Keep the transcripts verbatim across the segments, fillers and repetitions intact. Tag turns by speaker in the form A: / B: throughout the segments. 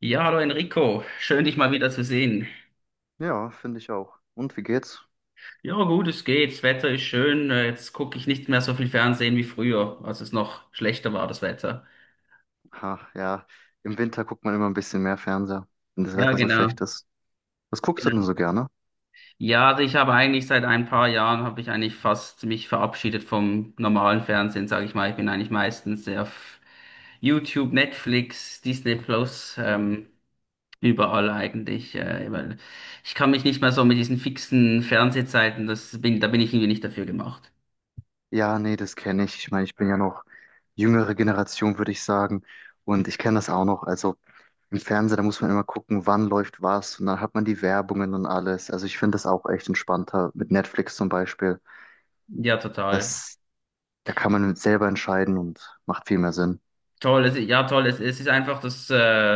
A: Ja, hallo Enrico, schön dich mal wieder zu sehen.
B: Ja, finde ich auch. Und wie geht's?
A: Ja, gut, es geht, das Wetter ist schön, äh, jetzt gucke ich nicht mehr so viel Fernsehen wie früher, als es noch schlechter war, das Wetter.
B: Ha, ja, im Winter guckt man immer ein bisschen mehr Fernseher, wenn das
A: Ja,
B: Wetter so
A: genau.
B: schlecht ist. Was guckst du
A: Genau.
B: denn so gerne?
A: Ja, also ich habe eigentlich seit ein paar Jahren, habe ich eigentlich fast mich verabschiedet vom normalen Fernsehen, sage ich mal. Ich bin eigentlich meistens sehr auf YouTube, Netflix, Disney Plus,
B: Hm.
A: ähm, überall eigentlich, äh, weil ich kann mich nicht mehr so mit diesen fixen Fernsehzeiten, das bin, da bin ich irgendwie nicht dafür gemacht.
B: Ja, nee, das kenne ich. Ich meine, ich bin ja noch jüngere Generation, würde ich sagen. Und ich kenne das auch noch. Also im Fernseher, da muss man immer gucken, wann läuft was. Und dann hat man die Werbungen und alles. Also ich finde das auch echt entspannter. Mit Netflix zum Beispiel.
A: Ja, total.
B: Das, Da kann man selber entscheiden und macht viel mehr Sinn.
A: Toll, es, ja toll, es, es ist einfach, das, äh,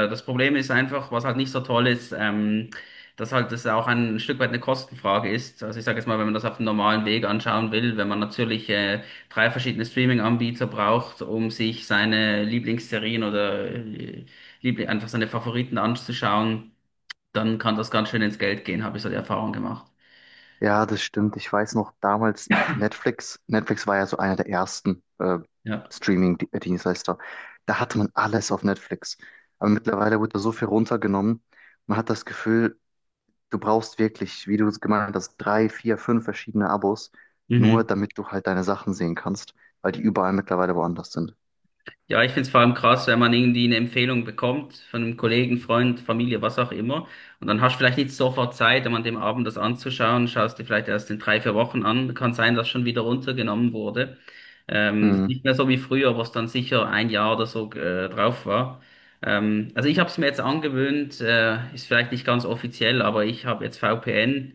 A: das Problem ist einfach, was halt nicht so toll ist, ähm, dass halt das auch ein Stück weit eine Kostenfrage ist. Also ich sage jetzt mal, wenn man das auf dem normalen Weg anschauen will, wenn man natürlich äh, drei verschiedene Streaming-Anbieter braucht, um sich seine Lieblingsserien oder äh, Liebli einfach seine Favoriten anzuschauen, dann kann das ganz schön ins Geld gehen, habe ich so die Erfahrung gemacht.
B: Ja, das stimmt. Ich weiß noch, damals Netflix, Netflix war ja so einer der ersten äh,
A: Ja.
B: Streaming-Dienstleister. Da hatte man alles auf Netflix. Aber mittlerweile wird da so viel runtergenommen. Man hat das Gefühl, du brauchst wirklich, wie du es gemeint hast, drei, vier, fünf verschiedene Abos, nur
A: Mhm.
B: damit du halt deine Sachen sehen kannst, weil die überall mittlerweile woanders sind.
A: Ja, ich find's vor allem krass, wenn man irgendwie eine Empfehlung bekommt von einem Kollegen, Freund, Familie, was auch immer. Und dann hast du vielleicht nicht sofort Zeit, um an dem Abend das anzuschauen, schaust dir vielleicht erst in drei, vier Wochen an. Kann sein, dass schon wieder runtergenommen wurde. Ähm, das ist
B: Hm,
A: nicht mehr so wie früher, was dann sicher ein Jahr oder so äh, drauf war. Ähm, also ich habe es mir jetzt angewöhnt, äh, ist vielleicht nicht ganz offiziell, aber ich habe jetzt V P N.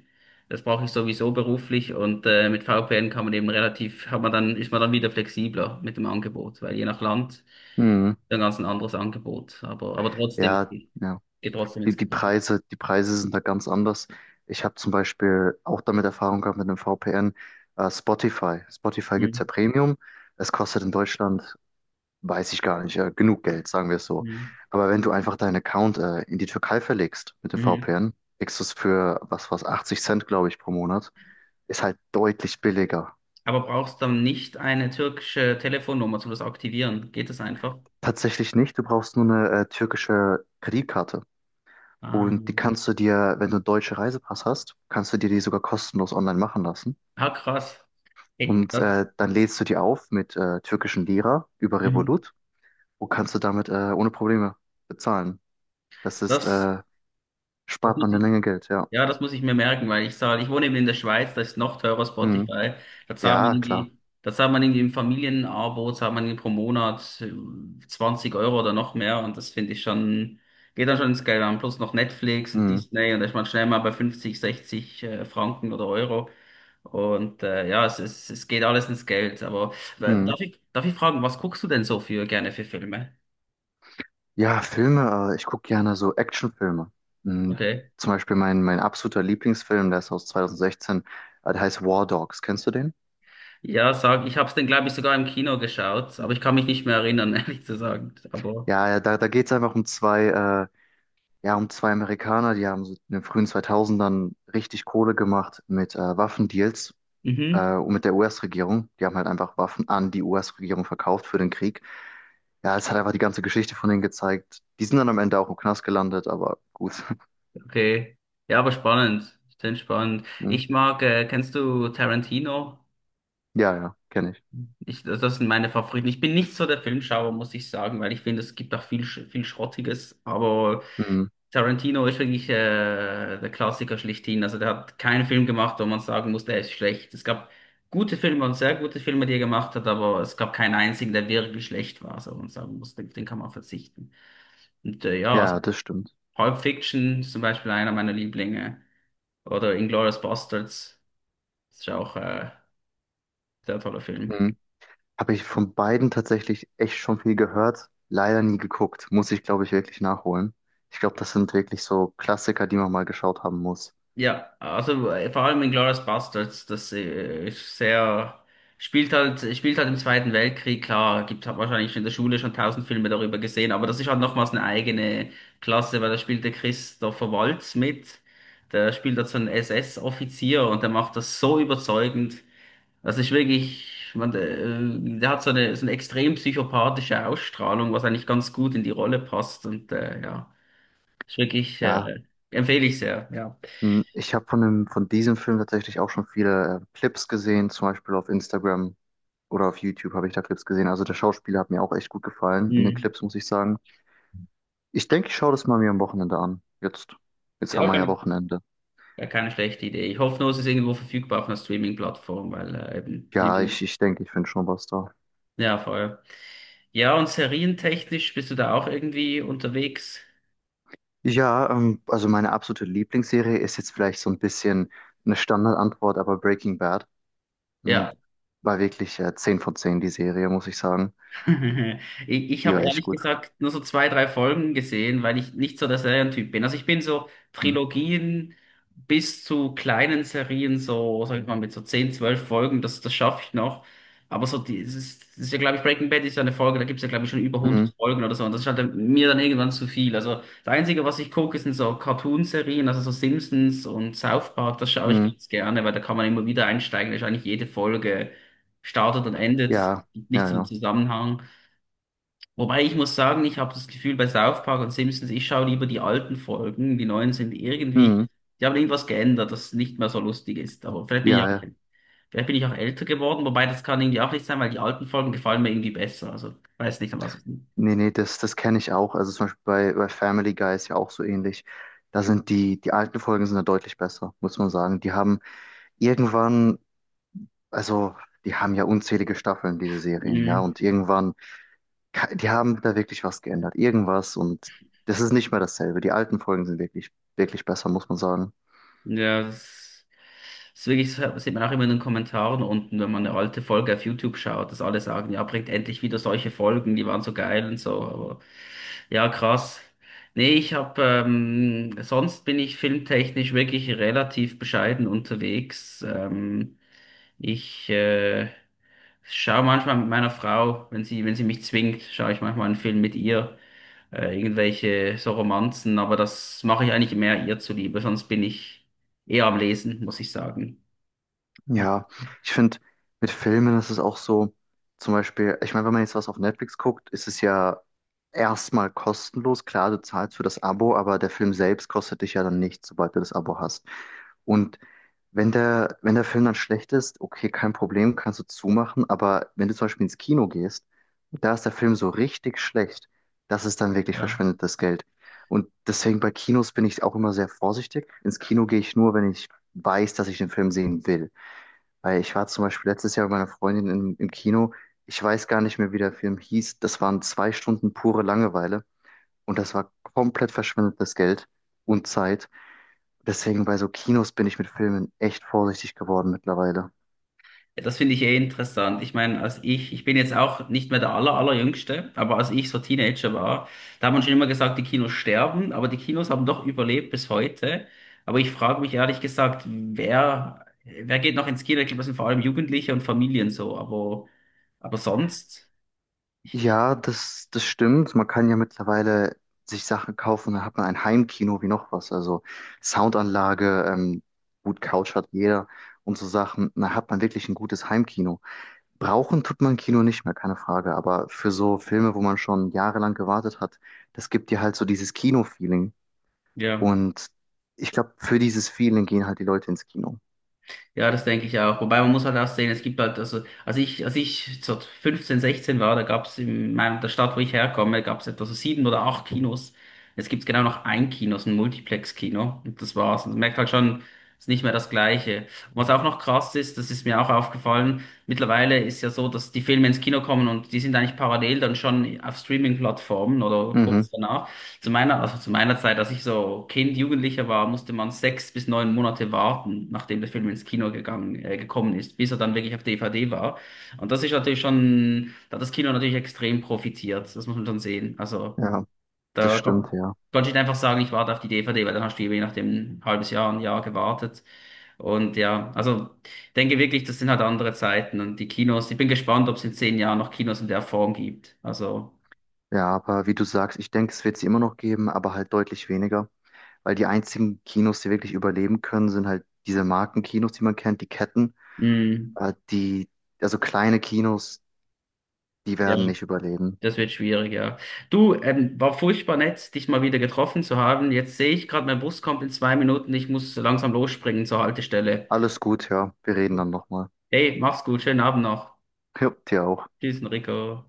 A: Das brauche ich sowieso beruflich und äh, mit V P N kann man eben relativ, hat man dann, ist man dann wieder flexibler mit dem Angebot, weil je nach Land.
B: hm.
A: Dann ganz ein anderes Angebot, aber, aber trotzdem,
B: Ja, ja.
A: geht trotzdem ins
B: die, die
A: Geld.
B: Preise, die Preise sind da ganz anders. Ich habe zum Beispiel auch damit Erfahrung gehabt mit dem V P N, äh, Spotify. Spotify gibt's ja
A: Mhm.
B: Premium. Es kostet in Deutschland, weiß ich gar nicht, äh, genug Geld, sagen wir es so.
A: Mhm.
B: Aber wenn du einfach deinen Account äh, in die Türkei verlegst mit dem
A: Mhm.
B: V P N, kriegst du es für was was achtzig Cent, glaube ich, pro Monat. Ist halt deutlich billiger.
A: Aber brauchst dann nicht eine türkische Telefonnummer, um das aktivieren? Geht das einfach?
B: Tatsächlich nicht, du brauchst nur eine äh, türkische Kreditkarte.
A: Ah,
B: Und die kannst du dir, wenn du einen deutschen Reisepass hast, kannst du dir die sogar kostenlos online machen lassen.
A: ah krass. Hey,
B: Und
A: das,
B: äh, dann lädst du die auf mit äh, türkischen Lira über
A: mhm.
B: Revolut und kannst du damit äh, ohne Probleme bezahlen. Das ist,
A: das,
B: äh,
A: das
B: spart
A: muss
B: man eine
A: ich.
B: Menge Geld, ja.
A: Ja, das muss ich mir merken, weil ich zahle, ich wohne eben in der Schweiz, da ist noch teurer
B: Hm.
A: Spotify. Da zahlt man
B: Ja, klar.
A: irgendwie, da zahlt man irgendwie im Familienabo, zahlt man irgendwie pro Monat äh, zwanzig Euro oder noch mehr und das finde ich schon, geht dann schon ins Geld an. Plus noch Netflix und
B: Hm.
A: Disney und da ist man schnell mal bei fünfzig, sechzig äh, Franken oder Euro. Und äh, ja, es, es, es geht alles ins Geld. Aber äh,
B: Hm.
A: darf ich, darf ich fragen, was guckst du denn so für gerne für Filme?
B: Ja, Filme, äh, ich gucke gerne so Actionfilme. Hm.
A: Okay.
B: Zum Beispiel mein, mein absoluter Lieblingsfilm, der ist aus zweitausendsechzehn, äh, der heißt War Dogs. Kennst du den?
A: Ja, sag, ich habe es dann, glaube ich, sogar im Kino geschaut, aber ich kann mich nicht mehr erinnern, ehrlich zu sagen. Aber,
B: Ja, ja, da, da geht es einfach um zwei, äh, ja, um zwei Amerikaner, die haben so in den frühen zweitausendern richtig Kohle gemacht mit äh, Waffendeals
A: mhm,
B: äh, und mit der U S-Regierung. Die haben halt einfach Waffen an die U S-Regierung verkauft für den Krieg. Ja, es hat einfach die ganze Geschichte von denen gezeigt. Die sind dann am Ende auch im Knast gelandet, aber gut.
A: okay. Ja, aber spannend. Stimmt, spannend.
B: Hm.
A: Ich mag, äh, kennst du Tarantino?
B: Ja, ja, kenne ich.
A: Ich, das das sind meine Favoriten. Ich bin nicht so der Filmschauer, muss ich sagen, weil ich finde, es gibt auch viel, Sch- viel Schrottiges. Aber
B: Hm.
A: Tarantino ist wirklich äh, der Klassiker schlechthin. Also der hat keinen Film gemacht, wo man sagen muss, der ist schlecht. Es gab gute Filme und sehr gute Filme, die er gemacht hat, aber es gab keinen einzigen, der wirklich schlecht war. So wo man sagen muss, den, den kann man verzichten. Und äh, ja, also
B: Ja, das stimmt.
A: Pulp Fiction ist zum Beispiel einer meiner Lieblinge. Oder Inglourious Basterds. Das ist ja auch äh, sehr toller Film.
B: Hm. Habe ich von beiden tatsächlich echt schon viel gehört, leider nie geguckt. Muss ich, glaube ich, wirklich nachholen. Ich glaube, das sind wirklich so Klassiker, die man mal geschaut haben muss.
A: Ja, also äh, vor allem in Glorious Bastards, das äh, ist sehr, spielt halt, spielt halt im Zweiten Weltkrieg, klar, gibt, hat wahrscheinlich in der Schule schon tausend Filme darüber gesehen, aber das ist halt nochmals eine eigene Klasse, weil da spielt der Christopher Waltz mit, der spielt halt so einen S S-Offizier und der macht das so überzeugend, das ist wirklich, man, äh, der hat so eine, so eine extrem psychopathische Ausstrahlung, was eigentlich ganz gut in die Rolle passt und äh, ja, ist wirklich, äh,
B: Ja,
A: empfehle ich sehr, ja.
B: hm. ich habe von dem, von diesem Film tatsächlich auch schon viele äh, Clips gesehen, zum Beispiel auf Instagram. Oder auf YouTube habe ich da Clips gesehen. Also der Schauspieler hat mir auch echt gut gefallen in den
A: Hm.
B: Clips, muss ich sagen. Ich denke, ich schaue das mal mir am Wochenende an. Jetzt, jetzt haben
A: Ja,
B: wir ja
A: keine,
B: Wochenende.
A: ja, keine schlechte Idee. Ich hoffe nur, es ist irgendwo verfügbar auf einer Streaming-Plattform, weil äh, eben, die
B: Ja, ich,
A: will-
B: ich denke, ich finde schon was da.
A: ja, voll. Ja, und serientechnisch bist du da auch irgendwie unterwegs?
B: Ja, ähm, also meine absolute Lieblingsserie ist jetzt vielleicht so ein bisschen eine Standardantwort, aber Breaking Bad
A: Ja,
B: hm, war wirklich äh, zehn von zehn die Serie, muss ich sagen.
A: Ich, ich
B: Die
A: habe
B: war echt
A: ehrlich
B: gut.
A: gesagt nur so zwei, drei Folgen gesehen, weil ich nicht so der Serientyp bin. Also ich bin so
B: Hm.
A: Trilogien bis zu kleinen Serien, so, sag ich mal, mit so zehn zwölf Folgen, das, das schaffe ich noch. Aber so, die, es ist, es ist ja, glaube ich, Breaking Bad ist ja eine Folge, da gibt es ja, glaube ich, schon über hundert
B: Mhm.
A: Folgen oder so. Und das ist halt dann- mir dann irgendwann zu viel. Also das Einzige, was ich gucke, sind so Cartoon-Serien, also so Simpsons und South Park, das schaue ich
B: Mhm.
A: ganz gerne, weil da kann man immer wieder einsteigen, da ist eigentlich jede Folge startet und endet,
B: Ja,
A: gibt
B: ja,
A: nicht so einen
B: ja.
A: Zusammenhang. Wobei ich muss sagen, ich habe das Gefühl bei South Park und Simpsons, ich schaue lieber die alten Folgen, die neuen sind irgendwie,
B: Mhm.
A: die haben irgendwas geändert, das nicht mehr so lustig ist. Aber vielleicht bin ich
B: Ja,
A: auch,
B: ja.
A: vielleicht bin ich auch älter geworden, wobei das kann irgendwie auch nicht sein, weil die alten Folgen gefallen mir irgendwie besser. Also weiß nicht, an was. Es liegt.
B: Nee, nee, das, das kenne ich auch. Also zum Beispiel bei, bei Family Guy ist ja auch so ähnlich. Da sind die, die alten Folgen sind da deutlich besser, muss man sagen. Die haben irgendwann, also die haben ja unzählige Staffeln, diese Serien, ja.
A: Mhm.
B: Und irgendwann, ka- die haben da wirklich was geändert. Irgendwas und das ist nicht mehr dasselbe. Die alten Folgen sind wirklich, wirklich besser, muss man sagen.
A: Ja, das. Das ist wirklich, das sieht man auch immer in den Kommentaren unten, wenn man eine alte Folge auf YouTube schaut, dass alle sagen, ja, bringt endlich wieder solche Folgen, die waren so geil und so. Aber ja, krass. Nee, ich habe, ähm, sonst bin ich filmtechnisch wirklich relativ bescheiden unterwegs. Ähm, ich äh, schaue manchmal mit meiner Frau, wenn sie, wenn sie mich zwingt, schaue ich manchmal einen Film mit ihr, äh, irgendwelche so Romanzen, aber das mache ich eigentlich mehr ihr zuliebe, sonst bin ich eher am Lesen, muss ich sagen.
B: Ja, ich finde, mit Filmen ist es auch so, zum Beispiel, ich meine, wenn man jetzt was auf Netflix guckt, ist es ja erstmal kostenlos. Klar, du zahlst für das Abo, aber der Film selbst kostet dich ja dann nichts, sobald du das Abo hast. Und wenn der, wenn der Film dann schlecht ist, okay, kein Problem, kannst du zumachen, aber wenn du zum Beispiel ins Kino gehst und da ist der Film so richtig schlecht, das ist dann wirklich
A: Ja.
B: verschwendetes Geld. Und deswegen bei Kinos bin ich auch immer sehr vorsichtig. Ins Kino gehe ich nur, wenn ich weiß, dass ich den Film sehen will. Weil ich war zum Beispiel letztes Jahr mit meiner Freundin im, im Kino. Ich weiß gar nicht mehr, wie der Film hieß. Das waren zwei Stunden pure Langeweile. Und das war komplett verschwendetes Geld und Zeit. Deswegen bei so Kinos bin ich mit Filmen echt vorsichtig geworden mittlerweile.
A: Das finde ich eh interessant. Ich meine, als ich, ich bin jetzt auch nicht mehr der aller, allerjüngste, aber als ich so Teenager war, da hat man schon immer gesagt, die Kinos sterben, aber die Kinos haben doch überlebt bis heute. Aber ich frage mich ehrlich gesagt, wer, wer geht noch ins Kino? Ich glaube, das sind vor allem Jugendliche und Familien so, aber, aber sonst, ich, ich-
B: Ja, das, das stimmt. Man kann ja mittlerweile sich Sachen kaufen, dann hat man ein Heimkino wie noch was. Also Soundanlage, ähm, gut, Couch hat jeder und so Sachen. Dann hat man wirklich ein gutes Heimkino. Brauchen tut man Kino nicht mehr, keine Frage. Aber für so Filme, wo man schon jahrelang gewartet hat, das gibt dir halt so dieses Kino-Feeling.
A: ja.
B: Und ich glaube, für dieses Feeling gehen halt die Leute ins Kino.
A: Ja, das denke ich auch. Wobei man muss halt auch sehen, es gibt halt, also als ich, als ich so fünfzehn, sechzehn war, da gab es in meiner, der Stadt, wo ich herkomme, gab es etwa so sieben oder acht Kinos. Jetzt gibt es genau noch ein Kino, so ein Multiplex-Kino. Und das war's. Und man merkt halt schon, es ist nicht mehr das Gleiche. Und was auch noch krass ist, das ist mir auch aufgefallen, mittlerweile ist ja so, dass die Filme ins Kino kommen und die sind eigentlich parallel dann schon auf Streaming-Plattformen oder
B: Mhm,
A: kurz danach. Zu meiner, also zu meiner Zeit, als ich so Kind, Jugendlicher war, musste man sechs bis neun Monate warten, nachdem der Film ins Kino gegangen, äh, gekommen ist, bis er dann wirklich auf D V D war. Und das ist natürlich schon, da hat das Kino natürlich extrem profitiert. Das muss man schon sehen. Also
B: ja, das
A: da
B: stimmt,
A: kon
B: ja.
A: konnte ich nicht einfach sagen, ich warte auf die D V D, weil dann hast du eben je nachdem ein halbes Jahr, ein Jahr gewartet. Und ja, also ich denke wirklich, das sind halt andere Zeiten und die Kinos, ich bin gespannt, ob es in zehn Jahren noch Kinos in der Form gibt. Also,
B: Ja, aber wie du sagst, ich denke, es wird sie immer noch geben, aber halt deutlich weniger. Weil die einzigen Kinos, die wirklich überleben können, sind halt diese Markenkinos, die man kennt, die Ketten.
A: mh,
B: Äh, die, also kleine Kinos, die
A: ja.
B: werden nicht überleben.
A: Das wird schwierig, ja. Du, ähm, war furchtbar nett, dich mal wieder getroffen zu haben. Jetzt sehe ich gerade, mein Bus kommt in zwei Minuten. Ich muss langsam losspringen zur Haltestelle.
B: Alles gut, ja. Wir reden dann nochmal.
A: Hey, mach's gut, schönen Abend noch.
B: Ja, dir auch.
A: Tschüss, Enrico.